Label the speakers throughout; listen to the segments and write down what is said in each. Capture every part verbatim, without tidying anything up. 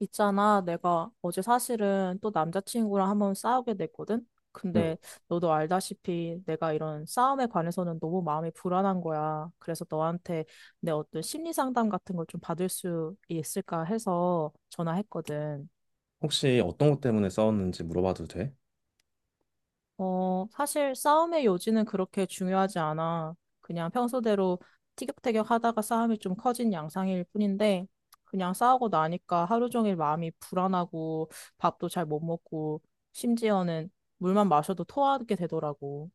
Speaker 1: 있잖아, 내가 어제 사실은 또 남자친구랑 한번 싸우게 됐거든?
Speaker 2: 음.
Speaker 1: 근데 너도 알다시피 내가 이런 싸움에 관해서는 너무 마음이 불안한 거야. 그래서 너한테 내 어떤 심리 상담 같은 걸 좀 받을 수 있을까 해서 전화했거든.
Speaker 2: 혹시 어떤 것 때문에 싸웠는지 물어봐도 돼?
Speaker 1: 어, 사실 싸움의 요지는 그렇게 중요하지 않아. 그냥 평소대로 티격태격 하다가 싸움이 좀 커진 양상일 뿐인데, 그냥 싸우고 나니까 하루 종일 마음이 불안하고, 밥도 잘 못 먹고, 심지어는 물만 마셔도 토하게 되더라고.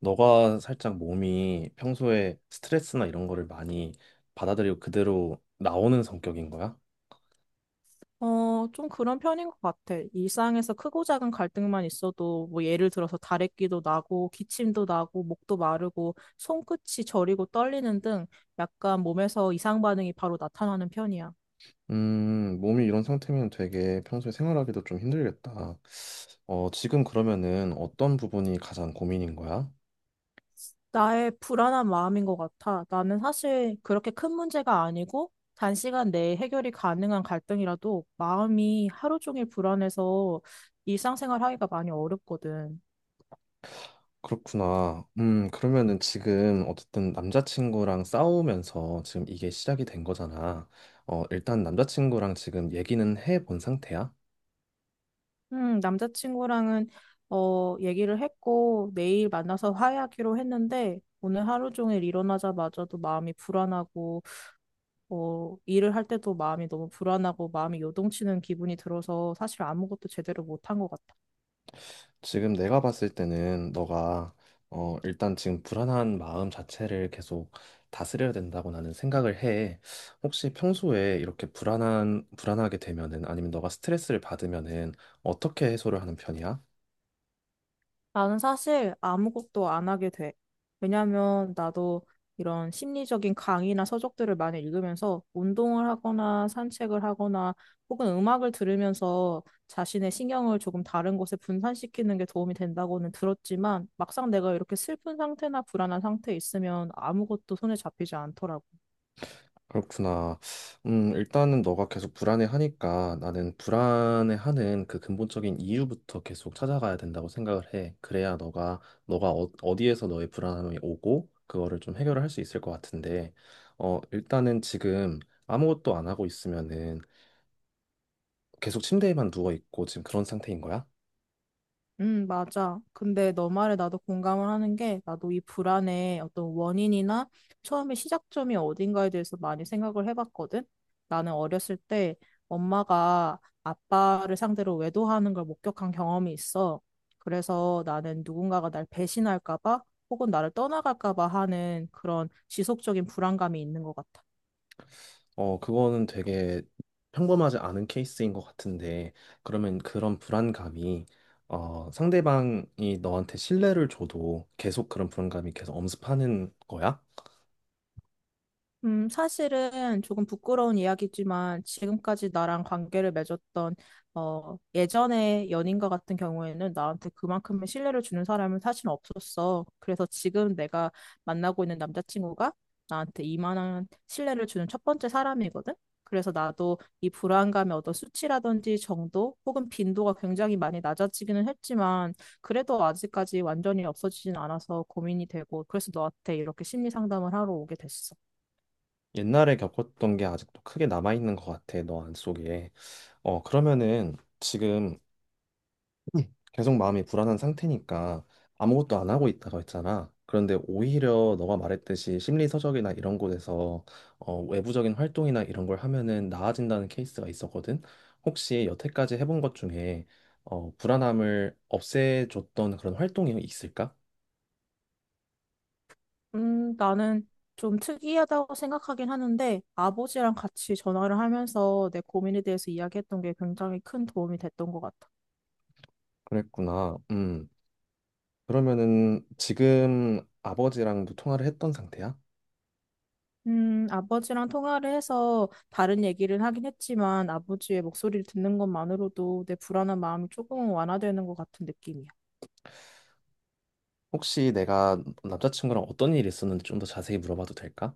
Speaker 2: 너가 살짝 몸이 평소에 스트레스나 이런 거를 많이 받아들이고 그대로 나오는 성격인 거야?
Speaker 1: 어, 좀 그런 편인 것 같아. 일상에서 크고 작은 갈등만 있어도, 뭐 예를 들어서 다래끼도 나고, 기침도 나고, 목도 마르고, 손끝이 저리고 떨리는 등 약간 몸에서 이상 반응이 바로 나타나는 편이야.
Speaker 2: 음, 몸이 이런 상태면 되게 평소에 생활하기도 좀 힘들겠다. 어, 지금 그러면은 어떤 부분이 가장 고민인 거야?
Speaker 1: 나의 불안한 마음인 것 같아. 나는 사실 그렇게 큰 문제가 아니고 단시간 내에 해결이 가능한 갈등이라도 마음이 하루 종일 불안해서 일상생활 하기가 많이 어렵거든.
Speaker 2: 그렇구나. 음, 그러면은 지금 어쨌든 남자친구랑 싸우면서 지금 이게 시작이 된 거잖아. 어, 일단 남자친구랑 지금 얘기는 해본 상태야?
Speaker 1: 음, 남자친구랑은 어, 얘기를 했고 내일 만나서 화해하기로 했는데 오늘 하루 종일 일어나자마자도 마음이 불안하고 어, 일을 할 때도 마음이 너무 불안하고 마음이 요동치는 기분이 들어서 사실 아무것도 제대로 못한 것 같아.
Speaker 2: 지금 내가 봤을 때는 너가 어 일단 지금 불안한 마음 자체를 계속 다스려야 된다고 나는 생각을 해. 혹시 평소에 이렇게 불안한 불안하게 되면은 아니면 너가 스트레스를 받으면은 어떻게 해소를 하는 편이야?
Speaker 1: 나는 사실 아무것도 안 하게 돼. 왜냐면 나도 이런 심리적인 강의나 서적들을 많이 읽으면서 운동을 하거나 산책을 하거나 혹은 음악을 들으면서 자신의 신경을 조금 다른 곳에 분산시키는 게 도움이 된다고는 들었지만, 막상 내가 이렇게 슬픈 상태나 불안한 상태에 있으면 아무것도 손에 잡히지 않더라고.
Speaker 2: 그렇구나. 음, 일단은 너가 계속 불안해하니까 나는 불안해하는 그 근본적인 이유부터 계속 찾아가야 된다고 생각을 해. 그래야 너가 너가 어, 어디에서 너의 불안함이 오고 그거를 좀 해결을 할 수 있을 것 같은데, 어, 일단은 지금 아무것도 안 하고 있으면은 계속 침대에만 누워 있고 지금 그런 상태인 거야?
Speaker 1: 음, 맞아. 근데 너 말에 나도 공감을 하는 게, 나도 이 불안의 어떤 원인이나 처음에 시작점이 어딘가에 대해서 많이 생각을 해봤거든. 나는 어렸을 때 엄마가 아빠를 상대로 외도하는 걸 목격한 경험이 있어. 그래서 나는 누군가가 날 배신할까 봐 혹은 나를 떠나갈까 봐 하는 그런 지속적인 불안감이 있는 것 같아.
Speaker 2: 어, 그거는 되게 평범하지 않은 케이스인 것 같은데, 그러면 그런 불안감이, 어, 상대방이 너한테 신뢰를 줘도 계속 그런 불안감이 계속 엄습하는 거야?
Speaker 1: 음, 사실은 조금 부끄러운 이야기지만, 지금까지 나랑 관계를 맺었던 어, 예전의 연인과 같은 경우에는 나한테 그만큼의 신뢰를 주는 사람은 사실 없었어. 그래서 지금 내가 만나고 있는 남자친구가 나한테 이만한 신뢰를 주는 첫 번째 사람이거든. 그래서 나도 이 불안감의 어떤 수치라든지 정도 혹은 빈도가 굉장히 많이 낮아지기는 했지만, 그래도 아직까지 완전히 없어지진 않아서 고민이 되고, 그래서 너한테 이렇게 심리 상담을 하러 오게 됐어.
Speaker 2: 옛날에 겪었던 게 아직도 크게 남아있는 것 같아, 너 안속에. 어, 그러면은 지금 계속 마음이 불안한 상태니까 아무것도 안 하고 있다가 했잖아. 그런데 오히려 너가 말했듯이 심리서적이나 이런 곳에서 어, 외부적인 활동이나 이런 걸 하면은 나아진다는 케이스가 있었거든. 혹시 여태까지 해본 것 중에 어, 불안함을 없애줬던 그런 활동이 있을까?
Speaker 1: 음, 나는 좀 특이하다고 생각하긴 하는데, 아버지랑 같이 전화를 하면서 내 고민에 대해서 이야기했던 게 굉장히 큰 도움이 됐던 것 같아.
Speaker 2: 그랬구나. 음. 그러면은 지금 아버지랑도 통화를 했던 상태야?
Speaker 1: 음, 아버지랑 통화를 해서 다른 얘기를 하긴 했지만, 아버지의 목소리를 듣는 것만으로도 내 불안한 마음이 조금은 완화되는 것 같은 느낌이야.
Speaker 2: 혹시 내가 남자친구랑 어떤 일이 있었는지 좀 더 자세히 물어봐도 될까?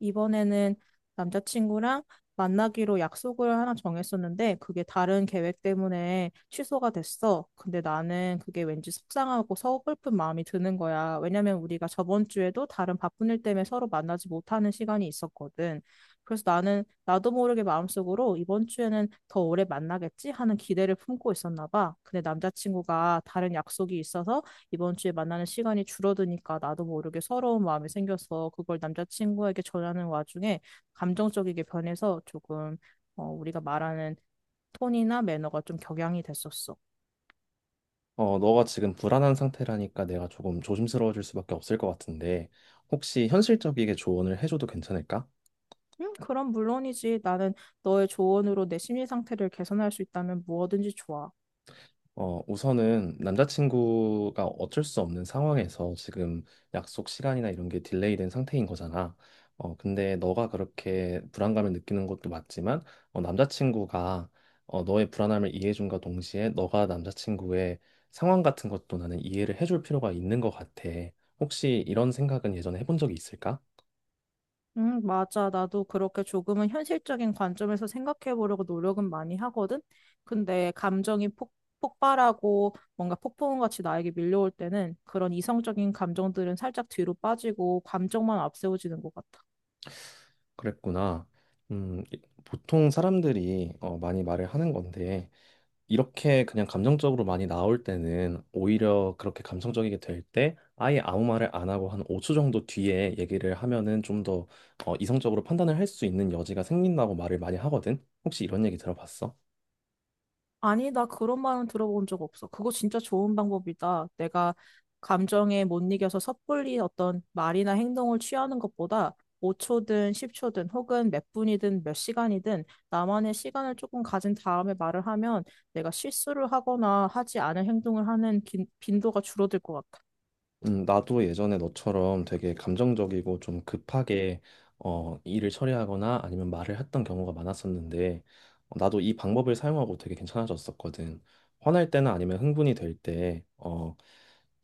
Speaker 1: 이번에는 남자친구랑 만나기로 약속을 하나 정했었는데, 그게 다른 계획 때문에 취소가 됐어. 근데 나는 그게 왠지 속상하고 서글픈 마음이 드는 거야. 왜냐면 우리가 저번 주에도 다른 바쁜 일 때문에 서로 만나지 못하는 시간이 있었거든. 그래서 나는 나도 모르게 마음속으로 이번 주에는 더 오래 만나겠지 하는 기대를 품고 있었나 봐. 근데 남자친구가 다른 약속이 있어서 이번 주에 만나는 시간이 줄어드니까 나도 모르게 서러운 마음이 생겨서, 그걸 남자친구에게 전하는 와중에 감정적이게 변해서 조금 어, 우리가 말하는 톤이나 매너가 좀 격양이 됐었어.
Speaker 2: 어, 너가 지금 불안한 상태라니까 내가 조금 조심스러워질 수밖에 없을 것 같은데, 혹시 현실적이게 조언을 해줘도 괜찮을까?
Speaker 1: 음, 그럼 물론이지. 나는 너의 조언으로 내 심리 상태를 개선할 수 있다면 무엇든지 좋아.
Speaker 2: 어, 우선은 남자친구가 어쩔 수 없는 상황에서 지금 약속 시간이나 이런 게 딜레이된 상태인 거잖아. 어, 근데 너가 그렇게 불안감을 느끼는 것도 맞지만, 어, 남자친구가 어, 너의 불안함을 이해해준과 동시에 너가 남자친구의 상황 같은 것도 나는 이해를 해줄 필요가 있는 것 같아. 혹시 이런 생각은 예전에 해본 적이 있을까?
Speaker 1: 응, 맞아. 나도 그렇게 조금은 현실적인 관점에서 생각해 보려고 노력은 많이 하거든. 근데 감정이 폭, 폭발하고 뭔가 폭풍같이 나에게 밀려올 때는 그런 이성적인 감정들은 살짝 뒤로 빠지고 감정만 앞세워지는 것 같아.
Speaker 2: 그랬구나. 음, 이- 보통 사람들이 어, 많이 말을 하는 건데, 이렇게 그냥 감정적으로 많이 나올 때는 오히려 그렇게 감성적이게 될 때 아예 아무 말을 안 하고 한 오 초 정도 뒤에 얘기를 하면은 좀더 어, 이성적으로 판단을 할 수 있는 여지가 생긴다고 말을 많이 하거든. 혹시 이런 얘기 들어봤어?
Speaker 1: 아니, 나 그런 말은 들어본 적 없어. 그거 진짜 좋은 방법이다. 내가 감정에 못 이겨서 섣불리 어떤 말이나 행동을 취하는 것보다 오 초든 십 초든 혹은 몇 분이든 몇 시간이든 나만의 시간을 조금 가진 다음에 말을 하면, 내가 실수를 하거나 하지 않은 행동을 하는 빈, 빈도가 줄어들 것 같아.
Speaker 2: 음, 나도 예전에 너처럼 되게 감정적이고 좀 급하게 어, 일을 처리하거나 아니면 말을 했던 경우가 많았었는데 어, 나도 이 방법을 사용하고 되게 괜찮아졌었거든. 화날 때나 아니면 흥분이 될 때, 어,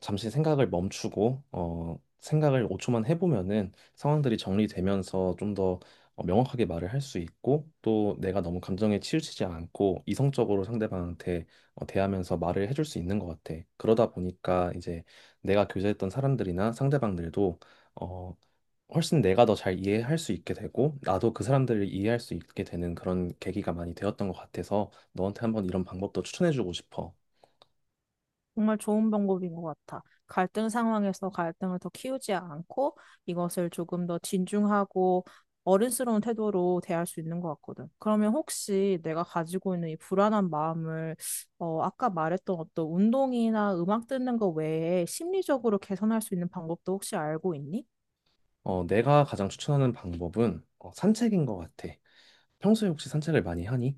Speaker 2: 잠시 생각을 멈추고 어, 생각을 오 초만 해보면은 상황들이 정리되면서 좀더 어, 명확하게 말을 할 수 있고 또 내가 너무 감정에 치우치지 않고 이성적으로 상대방한테 어, 대하면서 말을 해줄 수 있는 것 같아. 그러다 보니까 이제 내가 교제했던 사람들이나 상대방들도 어, 훨씬 내가 더 잘 이해할 수 있게 되고 나도 그 사람들을 이해할 수 있게 되는 그런 계기가 많이 되었던 것 같아서 너한테 한번 이런 방법도 추천해주고 싶어.
Speaker 1: 정말 좋은 방법인 것 같아. 갈등 상황에서 갈등을 더 키우지 않고 이것을 조금 더 진중하고 어른스러운 태도로 대할 수 있는 것 같거든. 그러면 혹시 내가 가지고 있는 이 불안한 마음을 어, 아까 말했던 어떤 운동이나 음악 듣는 거 외에 심리적으로 개선할 수 있는 방법도 혹시 알고 있니?
Speaker 2: 어, 내가 가장 추천하는 방법은 어, 산책인 것 같아. 평소에 혹시 산책을 많이 하니?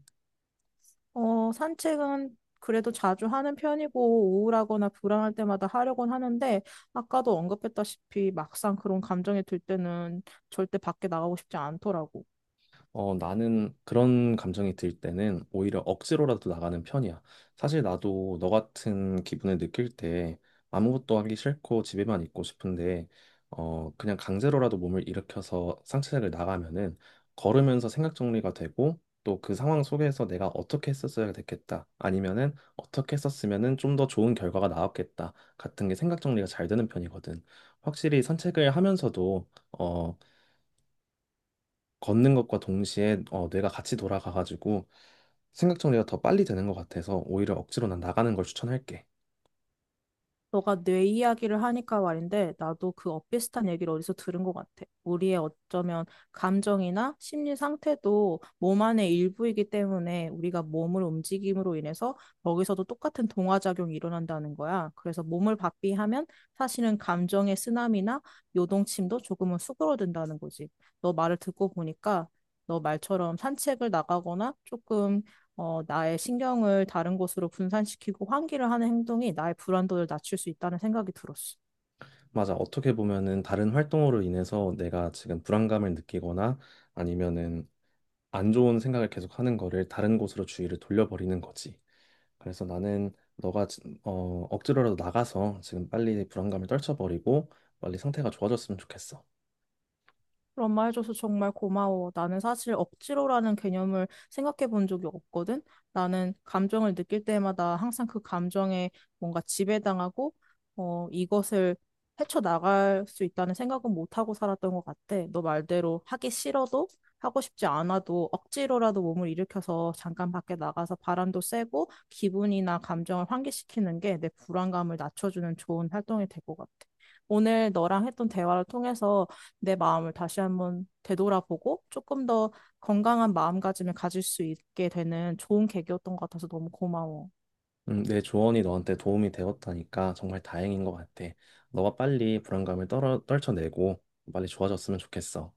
Speaker 1: 어, 산책은 그래도 자주 하는 편이고 우울하거나 불안할 때마다 하려곤 하는데, 아까도 언급했다시피 막상 그런 감정이 들 때는 절대 밖에 나가고 싶지 않더라고.
Speaker 2: 어, 나는 그런 감정이 들 때는 오히려 억지로라도 나가는 편이야. 사실 나도 너 같은 기분을 느낄 때 아무것도 하기 싫고 집에만 있고 싶은데, 어, 그냥 강제로라도 몸을 일으켜서 상체를 나가면은 걸으면서 생각 정리가 되고, 또 그 상황 속에서 내가 어떻게 했었어야 됐겠다. 아니면은 어떻게 했었으면은 좀 더 좋은 결과가 나왔겠다. 같은 게 생각 정리가 잘 되는 편이거든. 확실히 산책을 하면서도 어, 걷는 것과 동시에 어, 뇌가 같이 돌아가가지고 생각 정리가 더 빨리 되는 것 같아서 오히려 억지로 난 나가는 걸 추천할게.
Speaker 1: 너가 뇌 이야기를 하니까 말인데, 나도 그 엇비슷한 얘기를 어디서 들은 것 같아. 우리의 어쩌면 감정이나 심리 상태도 몸 안의 일부이기 때문에 우리가 몸을 움직임으로 인해서 거기서도 똑같은 동화작용이 일어난다는 거야. 그래서 몸을 바삐하면 사실은 감정의 쓰나미나 요동침도 조금은 수그러든다는 거지. 너 말을 듣고 보니까 너 말처럼 산책을 나가거나 조금 어, 나의 신경을 다른 곳으로 분산시키고 환기를 하는 행동이 나의 불안도를 낮출 수 있다는 생각이 들었어.
Speaker 2: 맞아. 어떻게 보면은 다른 활동으로 인해서 내가 지금 불안감을 느끼거나 아니면은 안 좋은 생각을 계속 하는 거를 다른 곳으로 주의를 돌려버리는 거지. 그래서 나는 너가 지- 어, 억지로라도 나가서 지금 빨리 불안감을 떨쳐버리고 빨리 상태가 좋아졌으면 좋겠어.
Speaker 1: 그런 말 해줘서 정말 고마워. 나는 사실 억지로라는 개념을 생각해 본 적이 없거든. 나는 감정을 느낄 때마다 항상 그 감정에 뭔가 지배당하고, 어, 이것을 헤쳐나갈 수 있다는 생각은 못하고 살았던 것 같아. 너 말대로 하기 싫어도 하고 싶지 않아도 억지로라도 몸을 일으켜서 잠깐 밖에 나가서 바람도 쐬고 기분이나 감정을 환기시키는 게 내 불안감을 낮춰주는 좋은 활동이 될 것 같아. 오늘 너랑 했던 대화를 통해서 내 마음을 다시 한번 되돌아보고 조금 더 건강한 마음가짐을 가질 수 있게 되는 좋은 계기였던 것 같아서 너무 고마워.
Speaker 2: 음, 내 조언이 너한테 도움이 되었다니까 정말 다행인 것 같아. 너가 빨리 불안감을 떨어, 떨쳐내고 빨리 좋아졌으면 좋겠어.